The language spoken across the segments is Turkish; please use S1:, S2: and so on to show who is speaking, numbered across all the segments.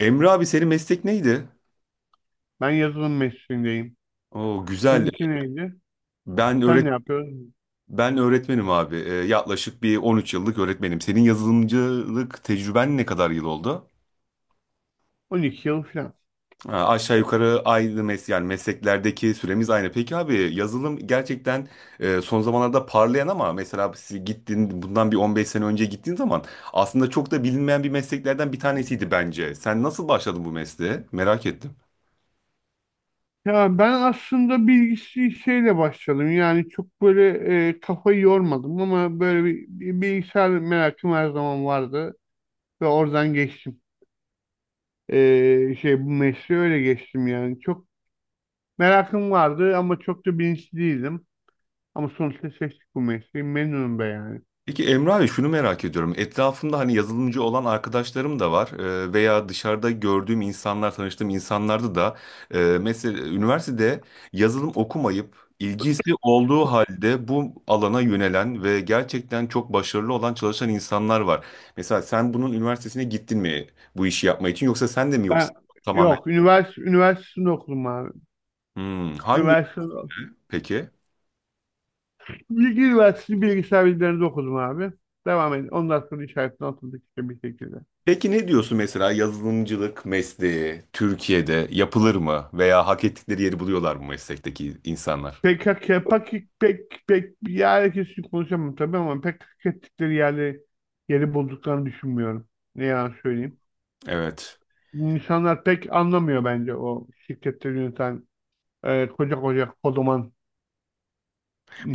S1: Emre abi senin meslek neydi?
S2: Ben yazılım mesleğindeyim.
S1: Oo güzel.
S2: Seninki neydi?
S1: Ben
S2: Sen
S1: öğret
S2: ne yapıyorsun?
S1: Ben öğretmenim abi. Yaklaşık bir 13 yıllık öğretmenim. Senin yazılımcılık tecrüben ne kadar yıl oldu?
S2: 12 yıl falan.
S1: Ha, aşağı yukarı aynı yani mesleklerdeki süremiz aynı. Peki abi, yazılım gerçekten son zamanlarda parlayan ama mesela siz gittin, bundan bir 15 sene önce gittiğin zaman aslında çok da bilinmeyen bir mesleklerden bir tanesiydi bence. Sen nasıl başladın bu mesleğe? Merak ettim.
S2: Ya ben aslında bilgisi şeyle başladım. Yani çok böyle kafayı yormadım ama böyle bir bilgisayar merakım her zaman vardı ve oradan geçtim. Bu mesleğe öyle geçtim yani. Çok merakım vardı ama çok da bilinçli değildim. Ama sonuçta seçtik bu mesleği. Memnunum be yani.
S1: Peki Emre abi, şunu merak ediyorum. Etrafımda hani yazılımcı olan arkadaşlarım da var, veya dışarıda gördüğüm insanlar, tanıştığım insanlarda da mesela üniversitede yazılım okumayıp ilgisi olduğu halde bu alana yönelen ve gerçekten çok başarılı olan çalışan insanlar var. Mesela sen bunun üniversitesine gittin mi, bu işi yapmak için, yoksa sen de mi, yoksa
S2: Ben
S1: tamamen?
S2: yok üniversitesinde okudum abi.
S1: Hmm, hangi
S2: Üniversite
S1: peki?
S2: Bilgi Üniversitesi bilgisayar bilimlerinde okudum abi. Devam edin. Ondan sonra işaretini atıldık işte bir şekilde.
S1: Peki ne diyorsun, mesela yazılımcılık mesleği Türkiye'de yapılır mı veya hak ettikleri yeri buluyorlar mı meslekteki insanlar?
S2: PKK, pek pek pek yani kesin konuşamam tabii ama pek hak ettikleri yeri bulduklarını düşünmüyorum. Ne yalan söyleyeyim.
S1: Evet.
S2: İnsanlar pek anlamıyor bence o şirketleri yöneten koca koca kodoman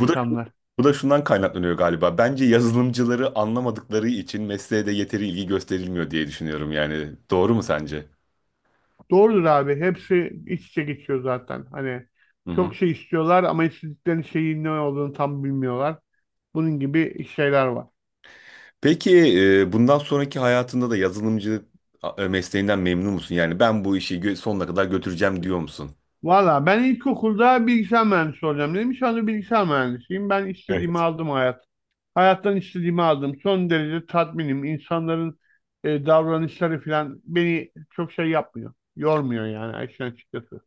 S1: Bu da bu da şundan kaynaklanıyor galiba. Bence yazılımcıları anlamadıkları için mesleğe de yeteri ilgi gösterilmiyor diye düşünüyorum yani. Doğru mu sence?
S2: Doğrudur abi. Hepsi iç içe geçiyor zaten. Hani
S1: Hı hı.
S2: çok şey istiyorlar ama istedikleri şeyin ne olduğunu tam bilmiyorlar. Bunun gibi şeyler var.
S1: Peki, bundan sonraki hayatında da yazılımcı mesleğinden memnun musun? Yani ben bu işi sonuna kadar götüreceğim diyor musun?
S2: Valla ben ilkokulda bilgisayar mühendisi olacağım dedim. Şu anda bilgisayar mühendisiyim. Ben istediğimi
S1: Evet.
S2: aldım hayat. Hayattan istediğimi aldım. Son derece tatminim. İnsanların davranışları falan beni çok şey yapmıyor. Yormuyor yani işin açıkçası.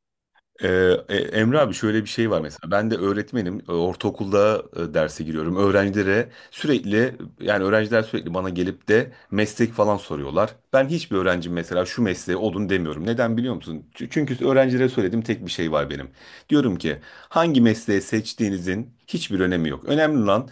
S1: Emre abi, şöyle bir şey var, mesela ben de öğretmenim. Ortaokulda derse giriyorum öğrencilere sürekli. Yani öğrenciler sürekli bana gelip de meslek falan soruyorlar. Ben hiçbir öğrencim mesela şu mesleğe olun demiyorum. Neden biliyor musun? Çünkü öğrencilere söylediğim tek bir şey var benim. Diyorum ki, hangi mesleği seçtiğinizin hiçbir önemi yok. Önemli olan,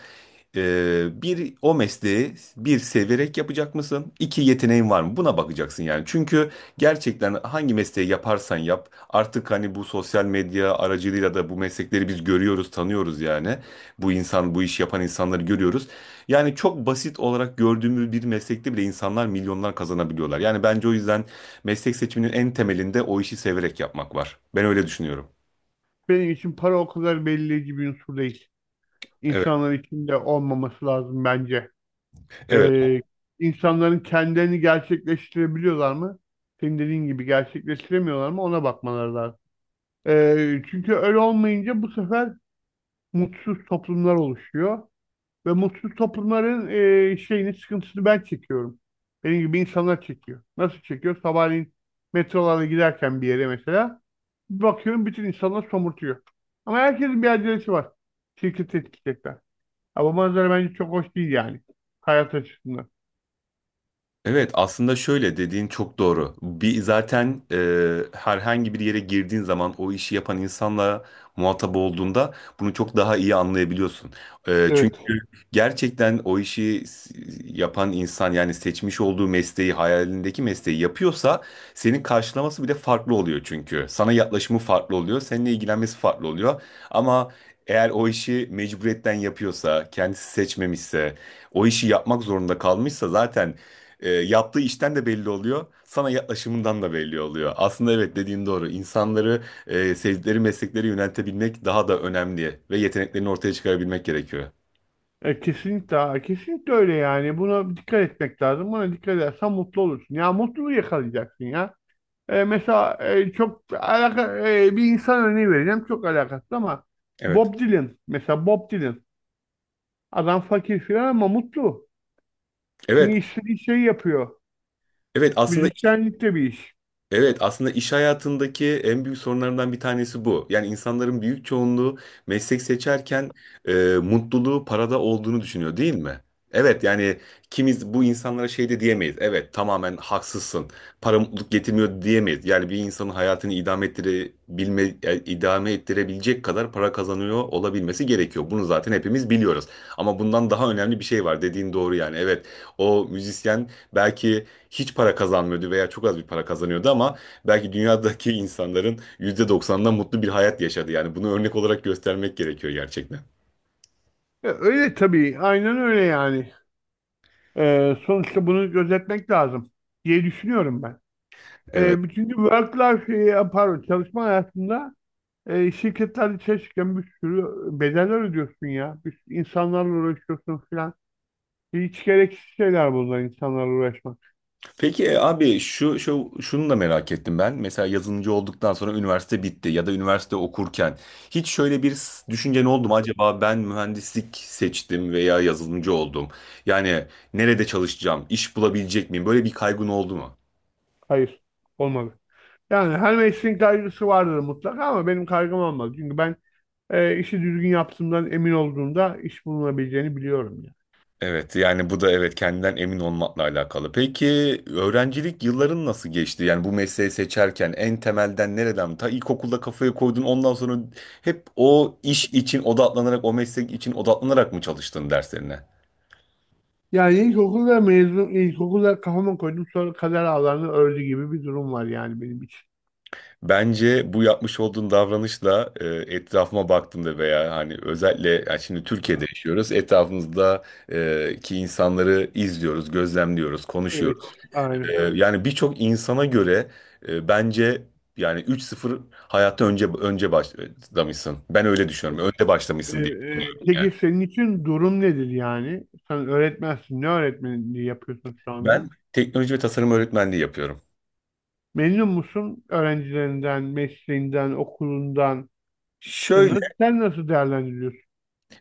S1: bir, o mesleği bir severek yapacak mısın? İki, yeteneğin var mı? Buna bakacaksın yani. Çünkü gerçekten hangi mesleği yaparsan yap, artık hani bu sosyal medya aracılığıyla da bu meslekleri biz görüyoruz, tanıyoruz yani. Bu insan, bu iş yapan insanları görüyoruz. Yani çok basit olarak gördüğümüz bir meslekte bile insanlar milyonlar kazanabiliyorlar. Yani bence o yüzden meslek seçiminin en temelinde o işi severek yapmak var. Ben öyle düşünüyorum.
S2: Benim için para o kadar belirleyici bir unsur değil.
S1: Evet,
S2: İnsanlar için de olmaması lazım bence.
S1: evet.
S2: Ee, insanların kendilerini gerçekleştirebiliyorlar mı? Senin dediğin gibi gerçekleştiremiyorlar mı? Ona bakmaları lazım. Çünkü öyle olmayınca bu sefer mutsuz toplumlar oluşuyor. Ve mutsuz toplumların sıkıntısını ben çekiyorum. Benim gibi insanlar çekiyor. Nasıl çekiyor? Sabahleyin metrolarla giderken bir yere mesela bir bakıyorum bütün insanlar somurtuyor. Ama herkesin bir acelesi var. Şirketi etkileyecekler. Ha, bu manzara bence çok hoş değil yani. Hayat açısından.
S1: Evet aslında şöyle, dediğin çok doğru. Bir zaten, herhangi bir yere girdiğin zaman o işi yapan insanla muhatap olduğunda bunu çok daha iyi anlayabiliyorsun. E,
S2: Evet.
S1: çünkü gerçekten o işi yapan insan, yani seçmiş olduğu mesleği, hayalindeki mesleği yapıyorsa senin karşılaması bir de farklı oluyor çünkü. Sana yaklaşımı farklı oluyor, seninle ilgilenmesi farklı oluyor. Ama eğer o işi mecburiyetten yapıyorsa, kendisi seçmemişse, o işi yapmak zorunda kalmışsa zaten, yaptığı işten de belli oluyor. Sana yaklaşımından da belli oluyor. Aslında evet, dediğin doğru. İnsanları, sevdikleri meslekleri yöneltebilmek daha da önemli ve yeteneklerini ortaya çıkarabilmek gerekiyor.
S2: Kesinlikle, abi, kesinlikle öyle yani. Buna dikkat etmek lazım. Buna dikkat edersen mutlu olursun. Ya mutluluğu yakalayacaksın ya. Mesela bir insan örneği vereceğim. Çok alakasız ama
S1: Evet.
S2: Bob Dylan. Mesela Bob Dylan. Adam fakir filan ama mutlu. Çünkü
S1: Evet.
S2: istediği şeyi yapıyor.
S1: Evet aslında
S2: Müzisyenlik de bir iş.
S1: Evet aslında iş hayatındaki en büyük sorunlarından bir tanesi bu. Yani insanların büyük çoğunluğu meslek seçerken, e, mutluluğu parada olduğunu düşünüyor değil mi? Evet yani, kimiz bu insanlara şey de diyemeyiz. Evet, tamamen haksızsın. Para mutluluk getirmiyor diyemeyiz. Yani bir insanın hayatını idame ettirebilecek kadar para kazanıyor olabilmesi gerekiyor. Bunu zaten hepimiz biliyoruz. Ama bundan daha önemli bir şey var. Dediğin doğru yani. Evet, o müzisyen belki hiç para kazanmıyordu veya çok az bir para kazanıyordu ama belki dünyadaki insanların %90'dan mutlu bir hayat yaşadı. Yani bunu örnek olarak göstermek gerekiyor gerçekten.
S2: Öyle tabii. Aynen öyle yani. Sonuçta bunu gözetmek lazım diye düşünüyorum ben. E,
S1: Evet.
S2: çünkü work life, pardon çalışma hayatında, şirketler çalışırken bir sürü bedeller ödüyorsun ya. Bir sürü insanlarla uğraşıyorsun filan. Hiç gereksiz şeyler bunlar insanlarla uğraşmak.
S1: Peki, abi, şu, şu şunu da merak ettim ben. Mesela yazılımcı olduktan sonra üniversite bitti ya da üniversite okurken hiç şöyle bir düşüncen oldu mu, acaba ben mühendislik seçtim veya yazılımcı oldum? Yani nerede çalışacağım, iş bulabilecek miyim? Böyle bir kaygın oldu mu?
S2: Hayır, olmalı. Yani her mesleğin kaygısı vardır mutlaka ama benim kaygım olmaz. Çünkü ben işi düzgün yaptığımdan emin olduğumda iş bulunabileceğini biliyorum ya.
S1: Evet yani bu da evet, kendinden emin olmakla alakalı. Peki öğrencilik yılların nasıl geçti? Yani bu mesleği seçerken en temelden nereden? Ta ilkokulda kafaya koydun, ondan sonra hep o iş için odaklanarak, o meslek için odaklanarak mı çalıştın derslerine?
S2: Yani ilkokulda kafama koydum sonra kader ağlarını ördü gibi bir durum var yani benim için.
S1: Bence bu yapmış olduğun davranışla, etrafıma baktığımda veya hani özellikle, yani şimdi Türkiye'de yaşıyoruz. Etrafımızda, ki insanları izliyoruz, gözlemliyoruz, konuşuyoruz.
S2: Evet, aynen.
S1: Yani birçok insana göre, bence yani 3-0 hayatta önce başlamışsın. Ben öyle düşünüyorum. Önde
S2: E,
S1: başlamışsın diye düşünüyorum
S2: e, peki
S1: yani.
S2: senin için durum nedir yani? Sen öğretmensin. Ne öğretmenliği yapıyorsun şu
S1: Ben
S2: anda?
S1: teknoloji ve tasarım öğretmenliği yapıyorum.
S2: Memnun musun öğrencilerinden, mesleğinden, okulundan? İşte
S1: Şöyle.
S2: nasıl, sen nasıl değerlendiriyorsun?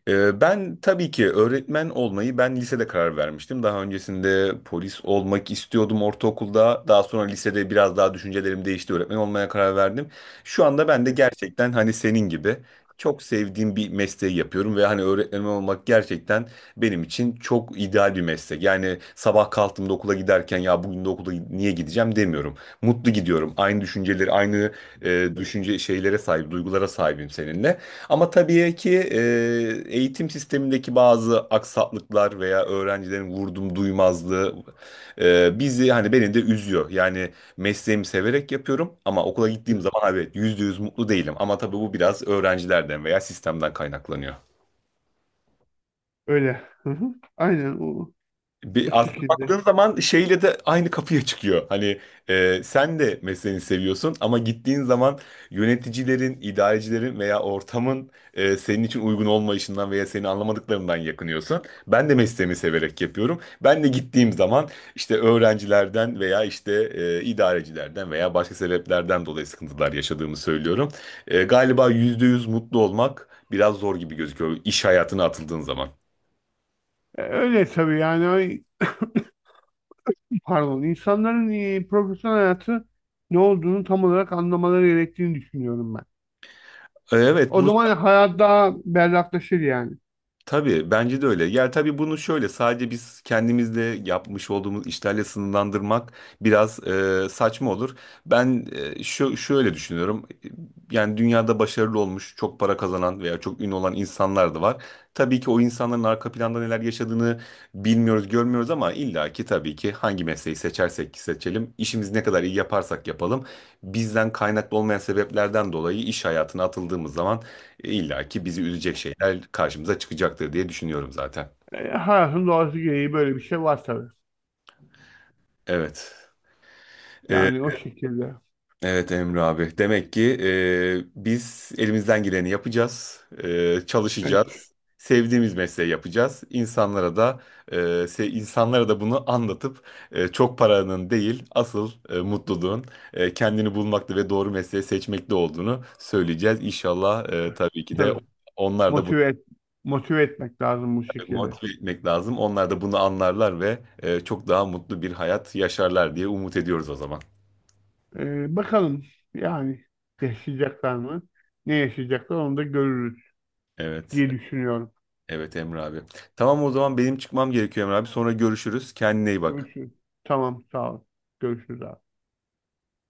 S1: Ben tabii ki öğretmen olmayı ben lisede karar vermiştim. Daha öncesinde polis olmak istiyordum, ortaokulda. Daha sonra lisede biraz daha düşüncelerim değişti. Öğretmen olmaya karar verdim. Şu anda ben de
S2: Evet.
S1: gerçekten hani senin gibi çok sevdiğim bir mesleği yapıyorum ve hani öğretmen olmak gerçekten benim için çok ideal bir meslek. Yani sabah kalktığımda okula giderken, ya bugün de okula niye gideceğim demiyorum. Mutlu gidiyorum. Aynı düşünceleri, aynı, düşünce şeylere sahip, duygulara sahibim seninle. Ama tabii ki, eğitim sistemindeki bazı aksaklıklar veya öğrencilerin vurdum duymazlığı, bizi hani beni de üzüyor. Yani mesleğimi severek yapıyorum ama okula gittiğim zaman, evet, %100 mutlu değilim. Ama tabii bu biraz öğrencilerden veya sistemden kaynaklanıyor.
S2: Öyle. Hı hı. Aynen o
S1: Bir aslında
S2: şekilde.
S1: baktığın zaman şeyle de aynı kapıya çıkıyor. Hani, sen de mesleğini seviyorsun ama gittiğin zaman yöneticilerin, idarecilerin veya ortamın, senin için uygun olmayışından veya seni anlamadıklarından yakınıyorsun. Ben de mesleğimi severek yapıyorum. Ben de gittiğim zaman işte öğrencilerden veya işte, idarecilerden veya başka sebeplerden dolayı sıkıntılar yaşadığımı söylüyorum. Galiba %100 mutlu olmak biraz zor gibi gözüküyor iş hayatına atıldığın zaman.
S2: Öyle tabii yani. Ay, pardon. İnsanların profesyonel hayatı ne olduğunu tam olarak anlamaları gerektiğini düşünüyorum ben.
S1: Evet,
S2: O zaman hayat daha berraklaşır yani.
S1: tabii bence de öyle. Yani tabii bunu şöyle sadece biz kendimizle yapmış olduğumuz işlerle sınırlandırmak biraz saçma olur. Ben, e, şu şöyle düşünüyorum. Yani dünyada başarılı olmuş, çok para kazanan veya çok ünlü olan insanlar da var. Tabii ki o insanların arka planda neler yaşadığını bilmiyoruz, görmüyoruz ama illaki tabii ki hangi mesleği seçersek seçelim, işimizi ne kadar iyi yaparsak yapalım, bizden kaynaklı olmayan sebeplerden dolayı iş hayatına atıldığımız zaman İlla ki bizi üzecek şeyler karşımıza çıkacaktır diye düşünüyorum zaten.
S2: Hayatın doğası gereği böyle bir şey var tabii.
S1: Evet. Ee,
S2: Yani o şekilde.
S1: evet Emre abi. Demek ki, biz elimizden geleni yapacağız.
S2: Evet,
S1: Çalışacağız. Sevdiğimiz mesleği yapacağız. İnsanlara da bunu anlatıp, çok paranın değil, asıl mutluluğun, kendini bulmakta ve doğru mesleği seçmekte olduğunu söyleyeceğiz. İnşallah, tabii ki de
S2: tabii.
S1: onlar da
S2: Motive et, motive etmek lazım bu şekilde.
S1: motive etmek lazım. Onlar da bunu anlarlar ve çok daha mutlu bir hayat yaşarlar diye umut ediyoruz o zaman.
S2: Bakalım yani yaşayacaklar mı? Ne yaşayacaklar onu da görürüz
S1: Evet,
S2: diye düşünüyorum.
S1: evet Emre abi. Tamam, o zaman benim çıkmam gerekiyor Emre abi. Sonra görüşürüz. Kendine iyi bak.
S2: Görüşürüz. Tamam, sağ ol. Görüşürüz abi.